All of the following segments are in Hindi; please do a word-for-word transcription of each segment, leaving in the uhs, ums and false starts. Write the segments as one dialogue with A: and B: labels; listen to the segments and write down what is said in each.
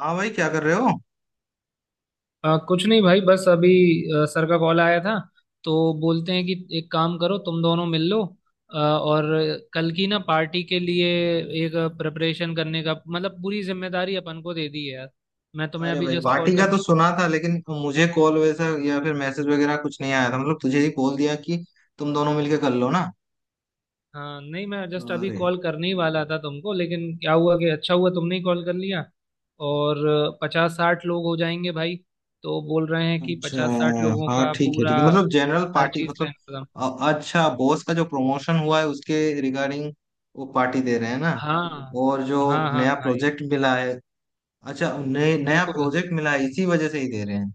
A: हाँ भाई, क्या कर रहे हो?
B: आ, कुछ नहीं भाई बस अभी आ, सर का कॉल आया था। तो बोलते हैं कि एक काम करो तुम दोनों मिल लो आ, और कल की ना पार्टी के लिए एक प्रिपरेशन करने का मतलब पूरी जिम्मेदारी अपन को दे दी है यार। मैं तुम्हें
A: अरे
B: अभी
A: भाई,
B: जस्ट कॉल
A: पार्टी का तो
B: करनी।
A: सुना था लेकिन मुझे कॉल वैसा या फिर मैसेज वगैरह कुछ नहीं आया था। मतलब तुझे ही कॉल दिया कि तुम दोनों मिलके कर लो ना?
B: हाँ नहीं मैं जस्ट अभी
A: अरे,
B: कॉल करने ही वाला था तुमको लेकिन क्या हुआ कि अच्छा हुआ तुमने ही कॉल कर लिया। और पचास साठ लोग हो जाएंगे भाई। तो बोल रहे हैं कि
A: अच्छा।
B: पचास साठ लोगों
A: हाँ
B: का
A: ठीक है, ठीक
B: पूरा
A: है, मतलब जनरल
B: हर
A: पार्टी।
B: चीज़ का
A: मतलब
B: इंतजाम।
A: अ- अच्छा, बॉस का जो प्रमोशन हुआ है उसके रिगार्डिंग वो पार्टी दे रहे हैं ना?
B: हाँ
A: और जो
B: हाँ हाँ
A: नया
B: भाई।
A: प्रोजेक्ट मिला है। अच्छा, नए नया
B: बिल्कुल।
A: प्रोजेक्ट मिला है, इसी वजह से ही दे रहे हैं।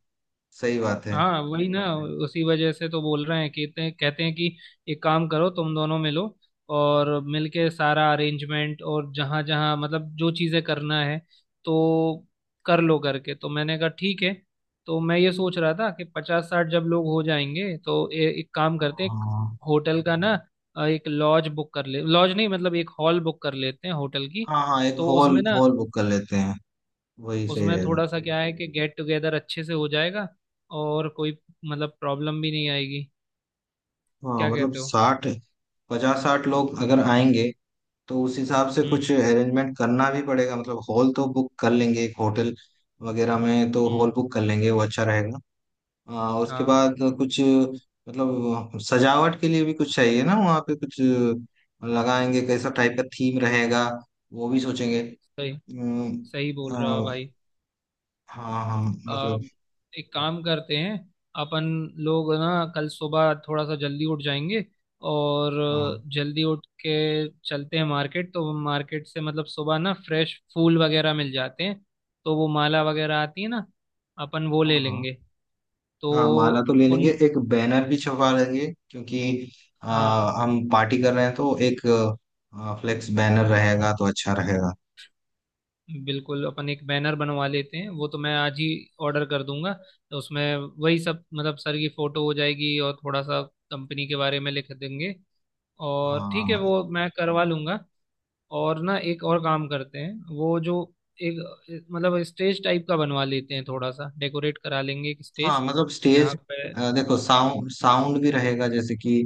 A: सही बात है।
B: हाँ वही ना। उसी वजह से तो बोल रहे हैं कि इतने कहते हैं कि एक काम करो तुम दोनों मिलो और मिलके सारा अरेंजमेंट और जहाँ जहाँ मतलब जो चीज़ें करना है तो कर लो करके तो मैंने कहा ठीक है। तो मैं ये सोच रहा था कि पचास साठ जब लोग हो जाएंगे तो ए, एक काम करते हैं एक
A: हाँ
B: होटल का ना। अ, एक लॉज बुक कर ले लॉज नहीं मतलब एक हॉल बुक कर लेते हैं होटल की।
A: हाँ, हाँ, एक
B: तो
A: हॉल
B: उसमें ना
A: हॉल बुक कर लेते हैं, वही सही
B: उसमें
A: रहेगा।
B: थोड़ा सा क्या है कि गेट टुगेदर अच्छे से हो जाएगा और कोई मतलब प्रॉब्लम भी नहीं आएगी।
A: हाँ
B: क्या
A: मतलब
B: कहते हो?
A: साठ, पचास साठ लोग अगर आएंगे तो उस हिसाब से
B: हम्म
A: कुछ
B: हम्म
A: अरेंजमेंट करना भी पड़ेगा। मतलब हॉल तो बुक कर लेंगे, एक होटल वगैरह में तो
B: हम्म,
A: हॉल बुक कर लेंगे, वो अच्छा रहेगा। आ, उसके
B: हाँ
A: बाद कुछ मतलब सजावट के लिए भी कुछ चाहिए ना, वहाँ पे कुछ लगाएंगे। कैसा टाइप का थीम रहेगा वो भी सोचेंगे।
B: सही।
A: अम,
B: सही बोल रहे हो
A: आ,
B: भाई।
A: हाँ हाँ,
B: आ,
A: मतलब
B: एक काम करते हैं अपन लोग ना कल सुबह थोड़ा सा जल्दी उठ जाएंगे और
A: हाँ
B: जल्दी उठ के चलते हैं मार्केट। तो मार्केट से मतलब सुबह ना फ्रेश फूल वगैरह मिल जाते हैं तो वो माला वगैरह आती है ना अपन वो
A: हाँ।
B: ले
A: हाँ
B: लेंगे। तो
A: हाँ, माला तो ले
B: उन
A: लेंगे, एक बैनर भी छपवा लेंगे क्योंकि आ,
B: हाँ
A: हम पार्टी कर रहे हैं तो एक फ्लेक्स बैनर रहेगा तो अच्छा रहेगा।
B: बिल्कुल अपन एक बैनर बनवा लेते हैं वो तो मैं आज ही ऑर्डर कर दूंगा। तो उसमें वही सब मतलब सर की फोटो हो जाएगी और थोड़ा सा कंपनी के बारे में लिख देंगे और ठीक है
A: हाँ
B: वो मैं करवा लूंगा। और ना एक और काम करते हैं वो जो एक मतलब स्टेज टाइप का बनवा लेते हैं थोड़ा सा डेकोरेट करा लेंगे एक
A: हाँ,
B: स्टेज
A: मतलब
B: जहाँ
A: स्टेज।
B: पे
A: अ, देखो, साउंड साउंड भी रहेगा, जैसे कि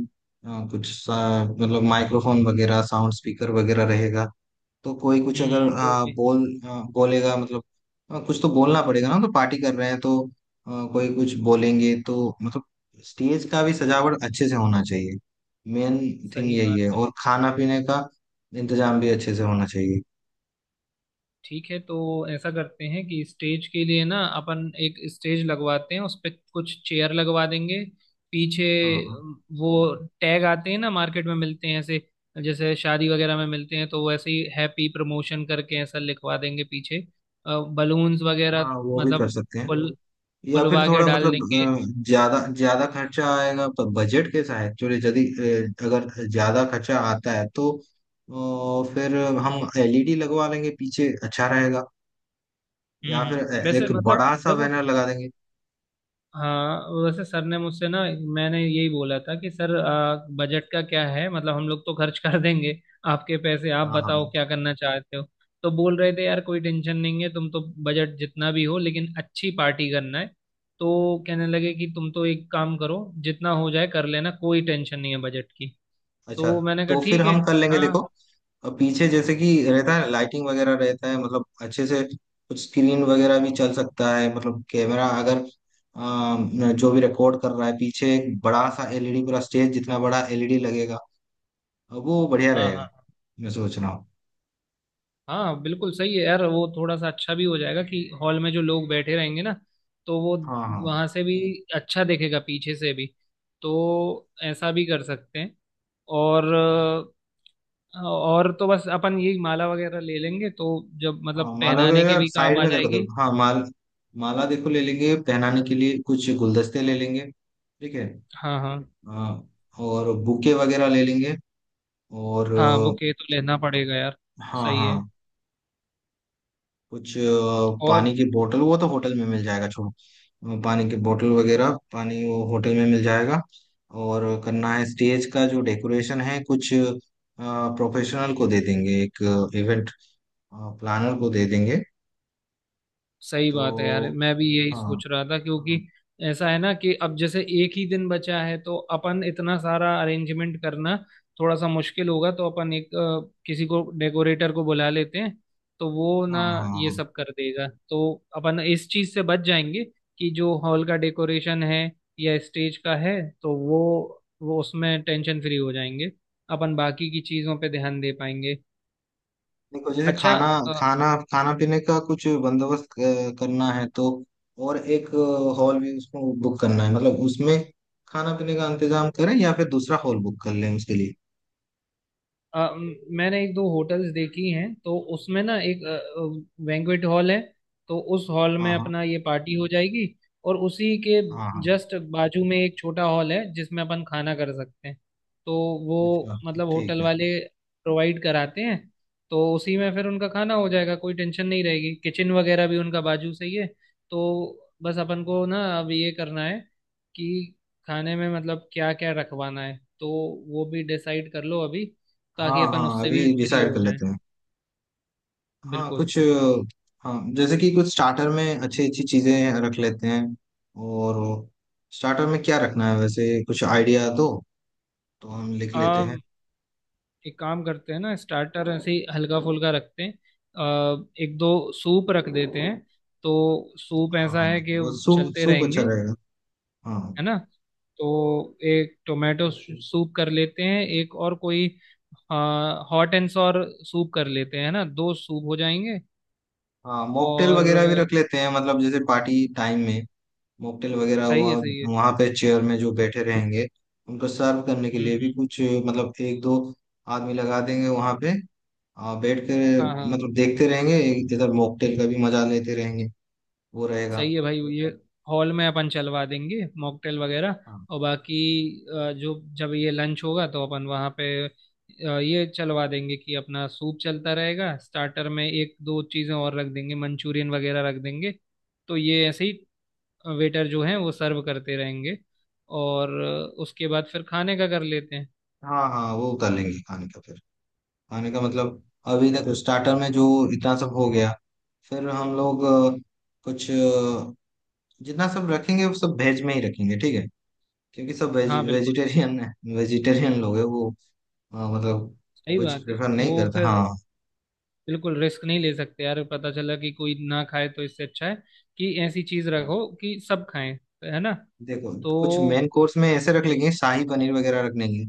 A: अ, कुछ सा- मतलब माइक्रोफोन वगैरह, साउंड स्पीकर वगैरह रहेगा। तो कोई कुछ अगर
B: हम्म वो
A: आ,
B: भी
A: बोल आ, बोलेगा, मतलब आ, कुछ तो बोलना पड़ेगा ना, तो पार्टी कर रहे हैं तो आ, कोई कुछ बोलेंगे तो, मतलब स्टेज का भी सजावट अच्छे से होना चाहिए। मेन थिंग
B: सही
A: यही
B: बात
A: है।
B: है।
A: और खाना पीने का इंतजाम भी अच्छे से होना चाहिए।
B: ठीक है तो ऐसा करते हैं कि स्टेज के लिए ना अपन एक स्टेज लगवाते हैं उस पे कुछ चेयर लगवा देंगे पीछे।
A: हाँ हाँ,
B: अम, वो टैग आते हैं ना मार्केट में मिलते हैं ऐसे जैसे शादी वगैरह में मिलते हैं तो वैसे ही हैप्पी प्रमोशन करके ऐसा लिखवा देंगे पीछे। बलून्स वगैरह
A: हाँ, वो भी कर
B: मतलब
A: सकते हैं।
B: फुल
A: या फिर
B: फुलवा के
A: थोड़ा
B: डाल
A: मतलब
B: देंगे।
A: अ, ज्यादा ज्यादा खर्चा आएगा, पर बजट कैसा है एक्चुअली? यदि अ, अगर ज्यादा खर्चा आता है तो अ, फिर हम एलईडी लगवा लेंगे पीछे, अच्छा रहेगा।
B: हम्म
A: या फिर ए-
B: हम्म। वैसे
A: एक
B: मतलब
A: बड़ा सा
B: देखो
A: बैनर लगा देंगे।
B: हाँ वैसे सर ने मुझसे ना मैंने यही बोला था कि सर आ, बजट का क्या है मतलब हम लोग तो खर्च कर देंगे आपके पैसे आप
A: हाँ हाँ,
B: बताओ
A: हाँ।
B: क्या करना चाहते हो। तो बोल रहे थे यार कोई टेंशन नहीं है तुम तो बजट जितना भी हो लेकिन अच्छी पार्टी करना है। तो कहने लगे कि तुम तो एक काम करो जितना हो जाए कर लेना कोई टेंशन नहीं है बजट की।
A: अच्छा,
B: तो मैंने कहा
A: तो फिर
B: ठीक है।
A: हम कर लेंगे। देखो,
B: हाँ
A: अ, पीछे जैसे कि रहता है लाइटिंग वगैरह रहता है, मतलब अच्छे से कुछ स्क्रीन वगैरह भी चल सकता है। मतलब कैमरा अगर अम, जो भी रिकॉर्ड कर रहा है पीछे, एक बड़ा सा एलईडी, पूरा स्टेज जितना बड़ा एलईडी लगेगा, अ, वो बढ़िया
B: हाँ
A: रहेगा।
B: हाँ।
A: मैं सोच रहा हूँ।
B: हाँ बिल्कुल सही है यार वो थोड़ा सा अच्छा भी हो जाएगा कि हॉल में जो लोग बैठे रहेंगे ना तो वो
A: हाँ हाँ,
B: वहां से भी अच्छा देखेगा पीछे से भी। तो ऐसा भी कर सकते हैं। और अ, और तो बस अपन यही माला वगैरह ले लेंगे तो जब मतलब
A: हाँ, माला
B: पहनाने के
A: वगैरह
B: भी काम
A: साइड
B: आ
A: में, देखो
B: जाएगी।
A: देखो। हाँ, माल माला देखो, ले लेंगे पहनाने के लिए। कुछ गुलदस्ते ले लेंगे, ठीक है?
B: हाँ हाँ।
A: हाँ, और बुके वगैरह ले लेंगे। और
B: हाँ
A: अ,
B: बुके तो लेना पड़ेगा यार।
A: हाँ
B: सही है।
A: हाँ। कुछ अ,
B: और
A: पानी की बोतल, वो तो होटल में मिल जाएगा, छोड़ो। अ, पानी की बोतल वगैरह, पानी, वो होटल में मिल जाएगा। और करना है स्टेज का जो डेकोरेशन है, कुछ प्रोफेशनल को दे देंगे, एक इवेंट प्लानर को दे देंगे।
B: सही बात है यार
A: तो
B: मैं भी यही
A: हाँ,
B: सोच रहा था क्योंकि ऐसा है ना कि अब जैसे एक ही दिन बचा है तो अपन इतना सारा अरेंजमेंट करना थोड़ा सा मुश्किल होगा तो अपन एक अ, किसी को डेकोरेटर को बुला लेते हैं तो वो ना
A: हाँ, हाँ।
B: ये
A: हाँ,
B: सब कर देगा तो अपन इस चीज से बच जाएंगे कि जो हॉल का डेकोरेशन है या स्टेज का है तो वो वो उसमें टेंशन फ्री हो जाएंगे अपन बाकी की चीजों पे ध्यान दे पाएंगे।
A: देखो, जैसे
B: अच्छा।
A: खाना खाना खाना पीने का कुछ बंदोबस्त अ, करना है तो। और एक हॉल भी उसको बुक करना है, मतलब उसमें खाना पीने का इंतजाम करें या फिर दूसरा हॉल बुक कर लें उसके लिए।
B: अ, मैंने एक दो होटल्स देखी हैं तो उसमें ना एक बैंक्वेट हॉल है तो उस हॉल
A: हाँ
B: में
A: हाँ,
B: अपना ये पार्टी हो जाएगी और उसी के
A: हाँ हाँ।
B: जस्ट बाजू में एक छोटा हॉल है जिसमें अपन खाना कर सकते हैं तो
A: अच्छा,
B: वो मतलब
A: ठीक
B: होटल
A: है।
B: वाले प्रोवाइड कराते हैं। तो उसी में फिर उनका खाना हो जाएगा कोई टेंशन नहीं रहेगी किचन वगैरह भी उनका बाजू से ही है। तो बस अपन को ना अब ये करना है कि खाने में मतलब क्या क्या रखवाना है तो वो भी डिसाइड कर लो अभी
A: हाँ
B: ताकि अपन
A: हाँ,
B: उससे
A: अभी
B: भी फ्री
A: डिसाइड
B: हो
A: कर
B: जाएं।
A: लेते हैं। हाँ,
B: बिल्कुल।
A: कुछ अ, हाँ, जैसे कि कुछ स्टार्टर में अच्छी अच्छी चीजें रख लेते हैं। और स्टार्टर में क्या रखना है, वैसे कुछ आइडिया दो तो हम लिख लेते हैं।
B: आम एक काम करते हैं ना स्टार्टर ऐसे ही हल्का फुल्का रखते हैं। आ, एक दो सूप रख देते हैं तो सूप
A: हाँ
B: ऐसा
A: हाँ,
B: है कि
A: वो सूप
B: चलते
A: सूप अच्छा
B: रहेंगे
A: रहेगा। हाँ
B: है ना। तो एक टोमेटो सूप कर लेते हैं एक और कोई हॉट एंड सॉर सूप कर लेते हैं है ना दो सूप हो जाएंगे।
A: हाँ, मॉकटेल
B: और
A: वगैरह भी रख लेते हैं, मतलब जैसे पार्टी टाइम में मॉकटेल वगैरह
B: सही
A: हुआ।
B: है सही है।
A: वहाँ पे चेयर में जो बैठे रहेंगे उनको सर्व करने के
B: हम्म
A: लिए भी
B: हम्म।
A: कुछ, मतलब एक दो आदमी लगा देंगे वहाँ पे। आ, बैठ कर,
B: हाँ हाँ।
A: मतलब देखते रहेंगे, एक- इधर मॉकटेल का भी मजा लेते रहेंगे, वो रहेगा।
B: सही है भाई ये हॉल में अपन चलवा देंगे मॉकटेल वगैरह।
A: हाँ
B: और बाकी अ, जो जब ये लंच होगा तो अपन वहाँ पे अ, ये चलवा देंगे कि अपना सूप चलता रहेगा स्टार्टर में एक दो चीज़ें और रख देंगे मंचूरियन वगैरह रख देंगे। तो ये ऐसे ही वेटर जो हैं वो सर्व करते रहेंगे और अ, उसके बाद फिर खाने का कर लेते हैं।
A: हाँ, हाँ, वो उतार लेंगे खाने का फिर। खाने का मतलब, अभी तक स्टार्टर में जो इतना सब हो गया, फिर हम लोग अ, कुछ अ, जितना सब रखेंगे वो सब वेज में ही रखेंगे, ठीक है? क्योंकि सब वेज,
B: हाँ बिल्कुल।
A: वेजिटेरियन है, वेजिटेरियन लोग है वो। हाँ, मतलब
B: सही हम्म।
A: कुछ
B: बात है
A: प्रेफर
B: वो
A: नहीं करते,
B: फिर
A: हाँ।
B: बिल्कुल रिस्क नहीं ले सकते यार पता चला कि कोई ना खाए तो इससे अच्छा है कि ऐसी चीज
A: हाँ।
B: रखो कि सब खाएं है ना।
A: देखो,
B: तो
A: कुछ मेन कोर्स में ऐसे रख लेंगे, शाही पनीर वगैरह रख लेंगे।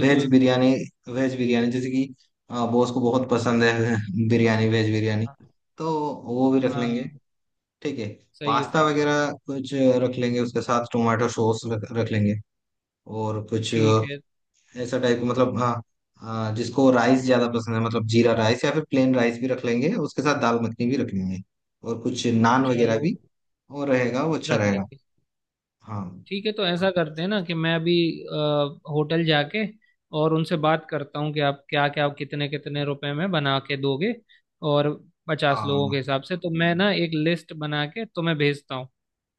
A: वेज बिरयानी, वेज बिरयानी जैसे कि बॉस को बहुत पसंद है बिरयानी, वेज बिरयानी, तो वो भी रख लेंगे।
B: हाँ
A: ठीक है।
B: सही है
A: पास्ता
B: सही है।
A: वगैरह कुछ रख लेंगे, उसके साथ टोमेटो सॉस रख, रख लेंगे। और कुछ
B: ठीक है।
A: ऐसा टाइप का मतलब, हाँ। हाँ, जिसको राइस ज्यादा पसंद है, मतलब जीरा राइस या फिर प्लेन राइस भी रख लेंगे, उसके साथ दाल मखनी भी रख लेंगे। और कुछ नान वगैरह
B: चलो
A: भी और रहेगा, वो अच्छा
B: रख
A: रहेगा।
B: लेंगे।
A: हाँ
B: ठीक है तो ऐसा करते हैं ना कि मैं अभी अ, होटल जाके और उनसे बात करता हूँ कि आप क्या क्या कितने कितने रुपए में बना के दोगे और पचास लोगों के
A: हाँ,
B: हिसाब से तो मैं ना एक लिस्ट बना के तुम्हें भेजता हूँ।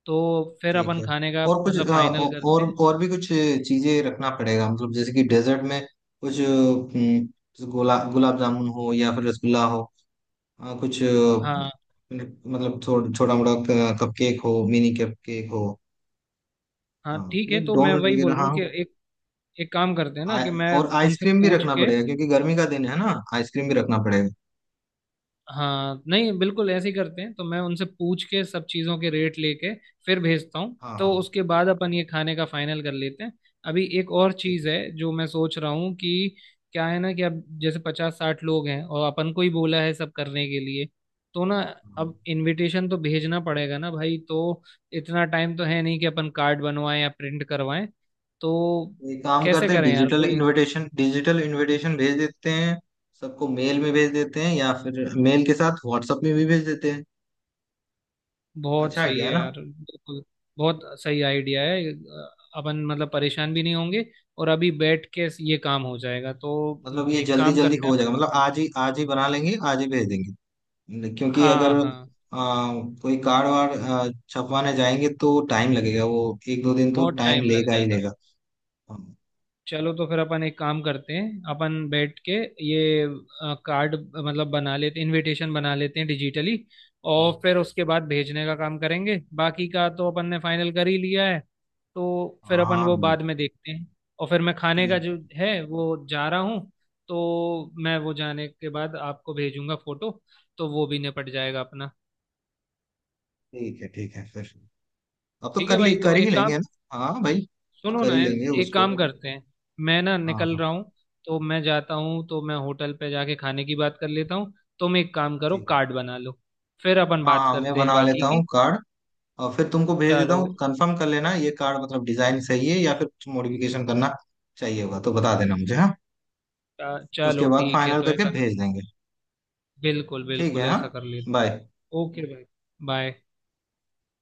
B: तो फिर
A: ठीक
B: अपन
A: है।
B: खाने का
A: और कुछ
B: मतलब
A: अ,
B: फाइनल
A: औ-
B: करते
A: और
B: हैं।
A: और भी कुछ चीजें रखना पड़ेगा, मतलब जैसे कि डेजर्ट में कुछ हम्म, जैसे गोला गुलाब जामुन हो या फिर रसगुल्ला हो। अ, कुछ अ,
B: हाँ
A: मतलब थोड़ा छोटा मोटा कप केक हो, मिनी कप केक हो।
B: हाँ।
A: हाँ,
B: ठीक
A: ये
B: है तो मैं
A: डोनट
B: वही
A: वगैरह,
B: बोल रहा हूँ
A: हाँ।
B: कि एक एक काम करते हैं ना
A: आ,
B: कि मैं
A: और
B: उनसे
A: आइसक्रीम भी
B: पूछ
A: रखना
B: के
A: पड़ेगा क्योंकि गर्मी का दिन है ना, आइसक्रीम भी रखना पड़ेगा।
B: हाँ नहीं बिल्कुल ऐसे ही करते हैं तो मैं उनसे पूछ के सब चीज़ों के रेट लेके फिर भेजता हूँ
A: हाँ
B: तो
A: हाँ,
B: उसके बाद अपन ये खाने का फाइनल कर लेते हैं। अभी एक और
A: ठीक,
B: चीज़ है जो मैं सोच रहा हूँ कि क्या है ना कि अब जैसे पचास साठ लोग हैं और अपन को ही बोला है सब करने के लिए तो ना
A: हाँ।
B: अब इनविटेशन तो भेजना पड़ेगा ना भाई। तो इतना टाइम तो है नहीं कि अपन कार्ड बनवाएं या प्रिंट करवाएं। तो
A: तो एक काम
B: कैसे
A: करते हैं,
B: करें यार
A: डिजिटल
B: कोई?
A: इनविटेशन, डिजिटल इनविटेशन भेज देते हैं। सबको मेल में भेज देते हैं, या फिर मेल के साथ व्हाट्सएप में भी भेज देते हैं।
B: बहुत
A: अच्छा
B: सही
A: आइडिया है
B: है
A: ना?
B: यार बिल्कुल। बहुत सही आइडिया है अ, अपन मतलब परेशान भी नहीं होंगे और अभी बैठ के ये काम हो जाएगा तो
A: मतलब ये
B: एक
A: जल्दी
B: काम
A: जल्दी
B: करते हैं।
A: हो जाएगा, मतलब आज ही, आज ही बना लेंगे, आज ही भेज देंगे। क्योंकि
B: हाँ
A: अगर आ,
B: हाँ।
A: कोई कार्ड वार्ड आ, छपवाने जाएंगे तो टाइम लगेगा, वो एक दो दिन तो
B: बहुत
A: टाइम
B: टाइम लग
A: लेगा ही
B: जाएगा।
A: लेगा। हाँ
B: चलो तो फिर अपन एक काम करते हैं अपन बैठ के ये अ, कार्ड मतलब बना लेते इनविटेशन बना लेते हैं डिजिटली और
A: हाँ,
B: फिर उसके बाद भेजने का काम करेंगे। बाकी का तो अपन ने फाइनल कर ही लिया है तो फिर
A: हाँ,
B: अपन वो
A: हम लोग
B: बाद में देखते हैं। और फिर मैं खाने का
A: ठीक।
B: जो है वो जा रहा हूँ तो मैं वो जाने के बाद आपको भेजूंगा फोटो। तो वो भी निपट जाएगा अपना।
A: ठीक है, ठीक है फिर। अब तो
B: ठीक है
A: कर ली
B: भाई
A: कर
B: तो
A: ही
B: एक काम
A: लेंगे ना, हाँ भाई,
B: सुनो
A: कर
B: ना
A: ही लेंगे
B: एक
A: उसको।
B: काम करते हैं मैं ना
A: हाँ
B: निकल
A: हाँ,
B: रहा हूँ तो मैं जाता हूँ तो मैं होटल पे जाके खाने की बात कर लेता हूँ तुम एक काम करो
A: ठीक है।
B: कार्ड बना लो फिर अपन
A: हाँ
B: बात
A: हाँ, मैं
B: करते हैं
A: बना
B: बाकी
A: लेता
B: की।
A: हूँ कार्ड, और फिर तुमको भेज देता
B: चलो
A: हूँ। कंफर्म कर लेना, ये कार्ड मतलब डिजाइन सही है या फिर कुछ मॉडिफिकेशन करना चाहिए होगा तो बता देना मुझे, हाँ।
B: अ,
A: उसके
B: चलो
A: बाद
B: ठीक है
A: फाइनल
B: तो
A: करके
B: ऐसा
A: भेज देंगे।
B: बिल्कुल
A: ठीक है,
B: बिल्कुल
A: हाँ।
B: ऐसा कर लेते
A: बाय।
B: हैं। ओके भाई। बाय।